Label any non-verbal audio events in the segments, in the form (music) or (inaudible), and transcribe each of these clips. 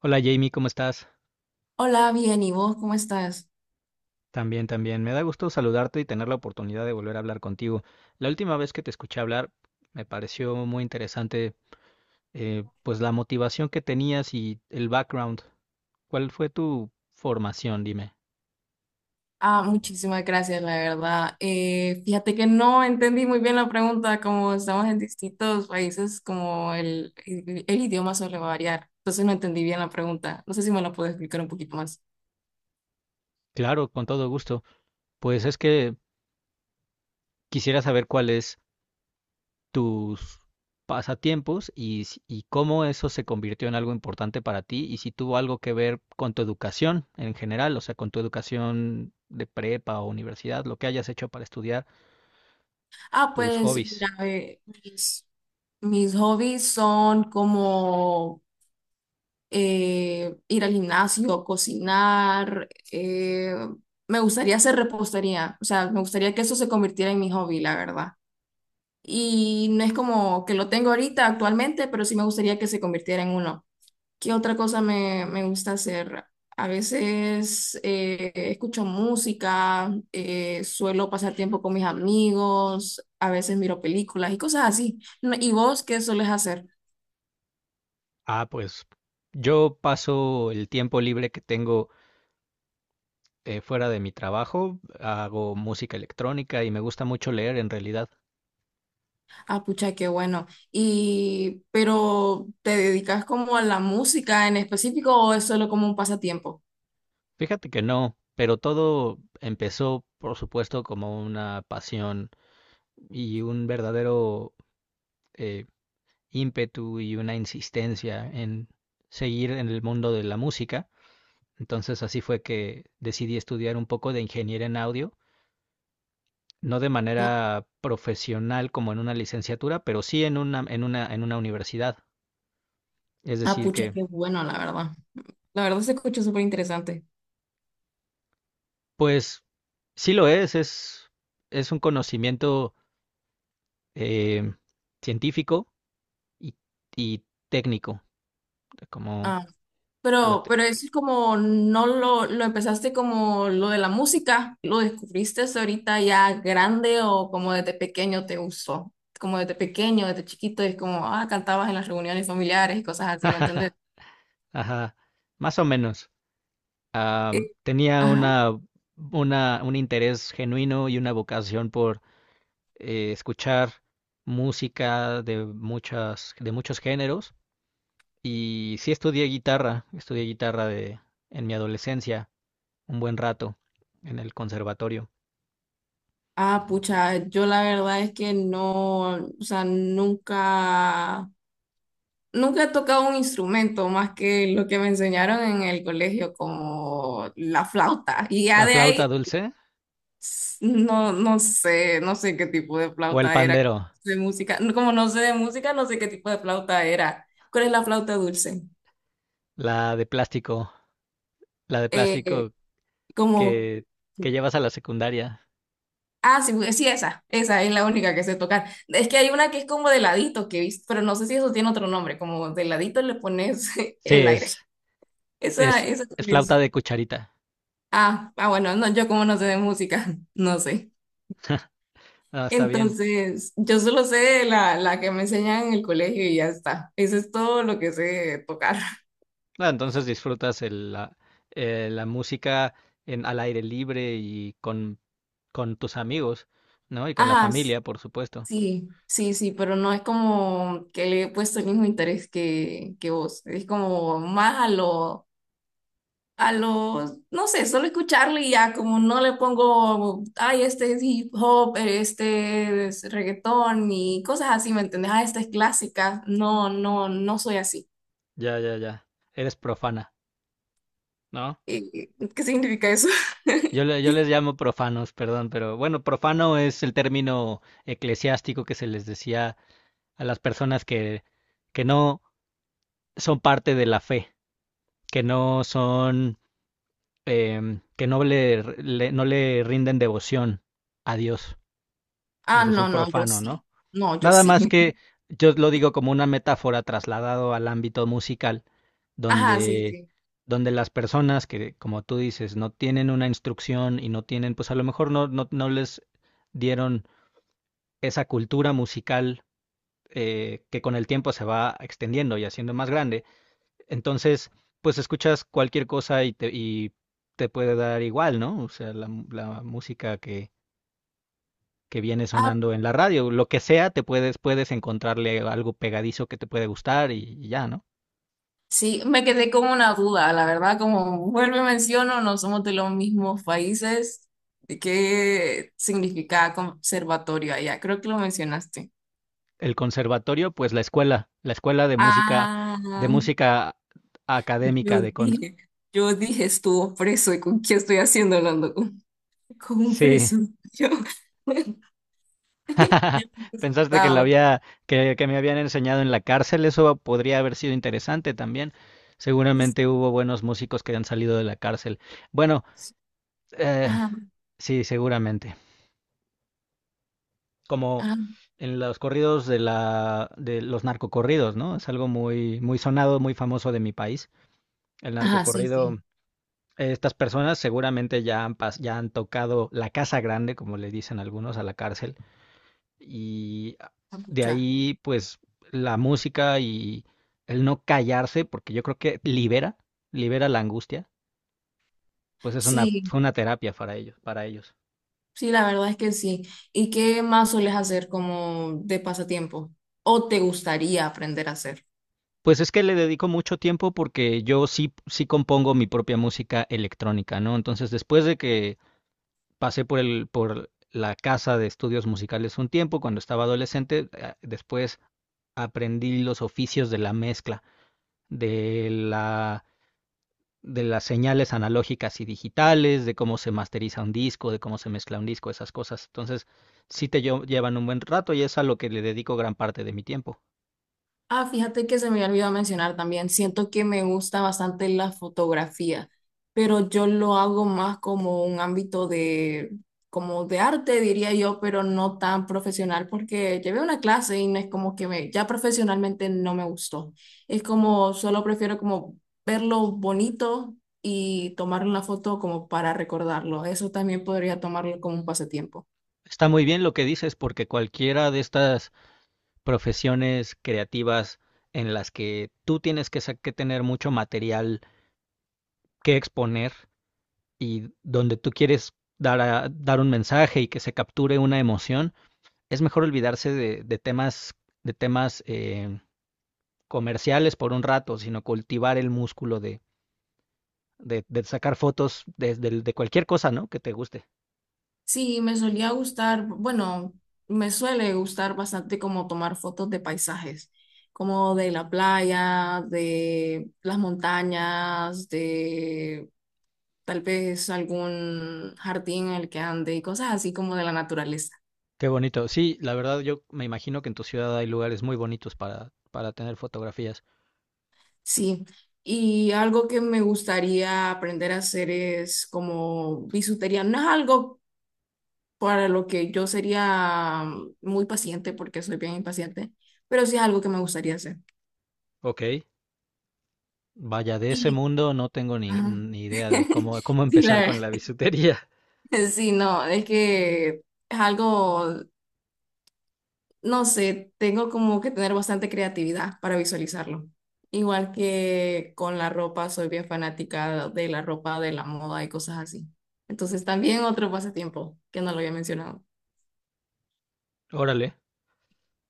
Hola Jamie, ¿cómo estás? Hola, bien, ¿y vos cómo estás? También, también. Me da gusto saludarte y tener la oportunidad de volver a hablar contigo. La última vez que te escuché hablar me pareció muy interesante, pues la motivación que tenías y el background. ¿Cuál fue tu formación? Dime. Ah, muchísimas gracias, la verdad. Fíjate que no entendí muy bien la pregunta, como estamos en distintos países, como el idioma suele variar. Entonces no entendí bien la pregunta. No sé si me la puedes explicar un poquito más. Claro, con todo gusto. Pues es que quisiera saber cuál es tus pasatiempos y, y cómo eso se convirtió en algo importante para ti y si tuvo algo que ver con tu educación en general, o sea, con tu educación de prepa o universidad, lo que hayas hecho para estudiar, Ah, tus pues, hobbies. mira, mis hobbies son como ir al gimnasio, cocinar, me gustaría hacer repostería. O sea, me gustaría que eso se convirtiera en mi hobby, la verdad. Y no es como que lo tengo ahorita actualmente, pero sí me gustaría que se convirtiera en uno. ¿Qué otra cosa me gusta hacer? A veces escucho música, suelo pasar tiempo con mis amigos, a veces miro películas y cosas así. No, ¿y vos qué sueles hacer? Ah, pues yo paso el tiempo libre que tengo, fuera de mi trabajo, hago música electrónica y me gusta mucho leer en realidad. Ah, pucha, qué bueno. Y, pero ¿te dedicas como a la música en específico o es solo como un pasatiempo? Fíjate que no, pero todo empezó, por supuesto, como una pasión y un verdadero eh, ímpetu y una insistencia en seguir en el mundo de la música. Entonces así fue que decidí estudiar un poco de ingeniería en audio, no de ¿No? manera profesional como en una licenciatura, pero sí en una, en una, en una universidad. Es Ah, decir pucha, que, qué bueno, la verdad. La verdad se escucha súper interesante. pues, sí lo es un conocimiento eh, científico y, y técnico, como la... Pero eso es como, no lo empezaste como lo de la música, lo descubriste ahorita ya grande, o como desde pequeño te gustó, como desde pequeño, desde chiquito, es como, ah, cantabas en las reuniones familiares y cosas así, ¿me entiendes? (laughs) Ajá, más o menos. Eh, Tenía Ajá. Una, un interés genuino y una vocación por escuchar música de muchas, de muchos géneros. Y sí estudié guitarra de, en mi adolescencia, un buen rato, en el conservatorio. Ah, pucha, yo la verdad es que no, o sea, nunca, nunca he tocado un instrumento más que lo que me enseñaron en el colegio, como la flauta. Y ya ¿La de ahí flauta dulce no, no sé, no sé qué tipo de o el flauta era, pandero? de música, como no sé de música, no sé qué tipo de flauta era. ¿Cuál es la flauta dulce? La de plástico, la de Eh, plástico como, que, que llevas a la secundaria. ah, sí, sí, esa es la única que sé tocar. Es que hay una que es como de ladito que he visto, pero no sé si eso tiene otro nombre, como de ladito le pones (laughs) Sí, el aire. Esa, es, esa es cuál flauta es. de cucharita. Ah, ah, bueno, no, yo como no sé de música, (laughs) no sé. Ah, está bien. Entonces, yo solo sé la que me enseñan en el colegio y ya está. Eso es todo lo que sé tocar. Ah, entonces disfrutas el, la, la música en, al aire libre y con tus amigos, ¿no? Y (laughs) con la Ajá, familia, por supuesto. sí, sí, sí, pero no es como que le he puesto el mismo interés que vos. Es como más a lo, no sé, solo escucharle y ya, como no le pongo, ay, este es hip hop, este es reggaetón y cosas así, ¿me entendés? Ah, esta es clásica. No, no, no soy así. Ya, ya, ya. Eres profana, ¿no? Eh, ¿Qué significa eso? (laughs) Yo, yo les llamo profanos, perdón, pero bueno, profano es el término eclesiástico que se les decía a las personas que no son parte de la fe, que no son, que no le, no le rinden devoción a Dios. Ah, Eso es un no, no, yo profano, ¿no? sí. No, yo Nada más sí. que (laughs) yo lo digo como una metáfora trasladado al ámbito musical, Ajá, sí, donde, sí. donde las personas que, como tú dices, no tienen una instrucción y no tienen, pues a lo mejor no, no, no les dieron esa cultura musical, que con el tiempo se va extendiendo y haciendo más grande. Entonces, pues escuchas cualquier cosa y te puede dar igual, ¿no? O sea, la música que viene Ah, sonando en la radio. Lo que sea, te puedes, puedes encontrarle algo pegadizo que te puede gustar y ya, ¿no? sí, me quedé con una duda, la verdad, como vuelvo y menciono, no somos de los mismos países. ¿De qué significa conservatorio allá? Creo que lo mencionaste. El conservatorio, pues la escuela de Ah, música académica yo de con... dije, yo dije estuvo preso y con quién estoy haciendo hablando con un Sí. preso. Yo, (laughs) (laughs) ya me he Pensaste que la asustado. había, que me habían enseñado en la cárcel, eso podría haber sido interesante también. Seguramente hubo buenos músicos que han salido de la cárcel. Bueno, eh, Ajá, sí, seguramente. Como ajá, en los corridos de la de los narcocorridos, ¿no? Es algo muy muy sonado, muy famoso de mi país. El ajá, sí, narcocorrido, sí. Estas personas seguramente ya han ya han tocado la casa grande, como le dicen algunos, a la cárcel y de Capucha. ahí pues la música y el no callarse, porque yo creo que libera, libera la angustia, pues es una Sí, fue una terapia para ellos, para ellos. sí, la verdad es que sí. ¿Y qué más sueles hacer como de pasatiempo? ¿O te gustaría aprender a hacer? Pues es que le dedico mucho tiempo porque yo sí, sí compongo mi propia música electrónica, ¿no? Entonces, después de que pasé por el, por la casa de estudios musicales un tiempo, cuando estaba adolescente, después aprendí los oficios de la mezcla, de la, de las señales analógicas y digitales, de cómo se masteriza un disco, de cómo se mezcla un disco, esas cosas. Entonces, sí te llevan un buen rato y es a lo que le dedico gran parte de mi tiempo. Ah, fíjate que se me había olvidado mencionar también. Siento que me gusta bastante la fotografía, pero yo lo hago más como un ámbito de, como de arte, diría yo, pero no tan profesional, porque llevé una clase y no es como que me, ya profesionalmente no me gustó. Es como, solo prefiero como verlo bonito y tomar una foto como para recordarlo. Eso también podría tomarlo como un pasatiempo. Está muy bien lo que dices porque cualquiera de estas profesiones creativas en las que tú tienes que, que tener mucho material que exponer y donde tú quieres dar, dar un mensaje y que se capture una emoción, es mejor olvidarse de temas, de temas, comerciales por un rato, sino cultivar el músculo de sacar fotos de, de cualquier cosa, ¿no? Que te guste. Sí, me solía gustar, bueno, me suele gustar bastante como tomar fotos de paisajes, como de la playa, de las montañas, de tal vez algún jardín en el que ande y cosas así como de la naturaleza. Qué bonito. Sí, la verdad yo me imagino que en tu ciudad hay lugares muy bonitos para tener fotografías. Sí, y algo que me gustaría aprender a hacer es como bisutería. No es algo para lo que yo sería muy paciente porque soy bien impaciente, pero sí es algo que me gustaría hacer. Ok. Vaya, de ese mundo no tengo ni, Ajá. ni idea de (laughs) cómo, cómo Sí, la empezar verdad. con la bisutería. (laughs) Sí, no, es que es algo, no sé, tengo como que tener bastante creatividad para visualizarlo. Igual que con la ropa, soy bien fanática de la ropa, de la moda y cosas así. Entonces también otro pasatiempo que no lo había mencionado. (laughs) Órale.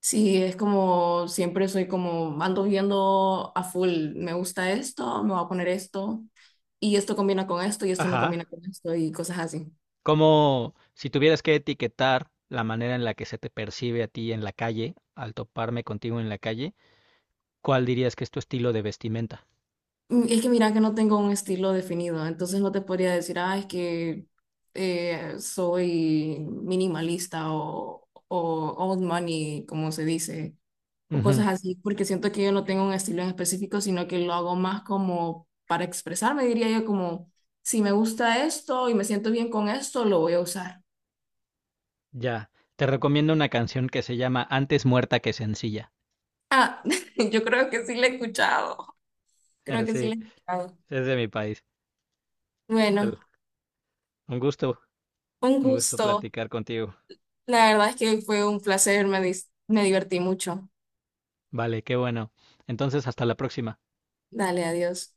Sí, es como siempre soy como ando viendo a full, me gusta esto, me voy a poner esto y esto combina con esto y esto no Ajá. combina con esto y cosas así. Como si tuvieras que etiquetar la manera en la que se te percibe a ti en la calle, al toparme contigo en la calle, ¿cuál dirías que es tu estilo de vestimenta? Mm, es que mira que no tengo un estilo definido, entonces no te podría decir, ah, es que soy minimalista o old money, como se dice, o Ujú. cosas así, porque siento que yo no tengo un estilo en específico, sino que lo hago más como para expresarme, diría yo, como si me gusta esto y me siento bien con esto, lo voy a usar. Ya. Te recomiendo una canción que se llama Antes muerta que sencilla. Ah, (laughs) yo creo que sí le he escuchado, creo (laughs) que sí Sí, le he escuchado. es de mi país. Bueno, El- Un gusto, un un gusto gusto. platicar contigo. La verdad es que fue un placer, me, me divertí mucho. Vale, qué bueno. Entonces, hasta la próxima. Dale, adiós.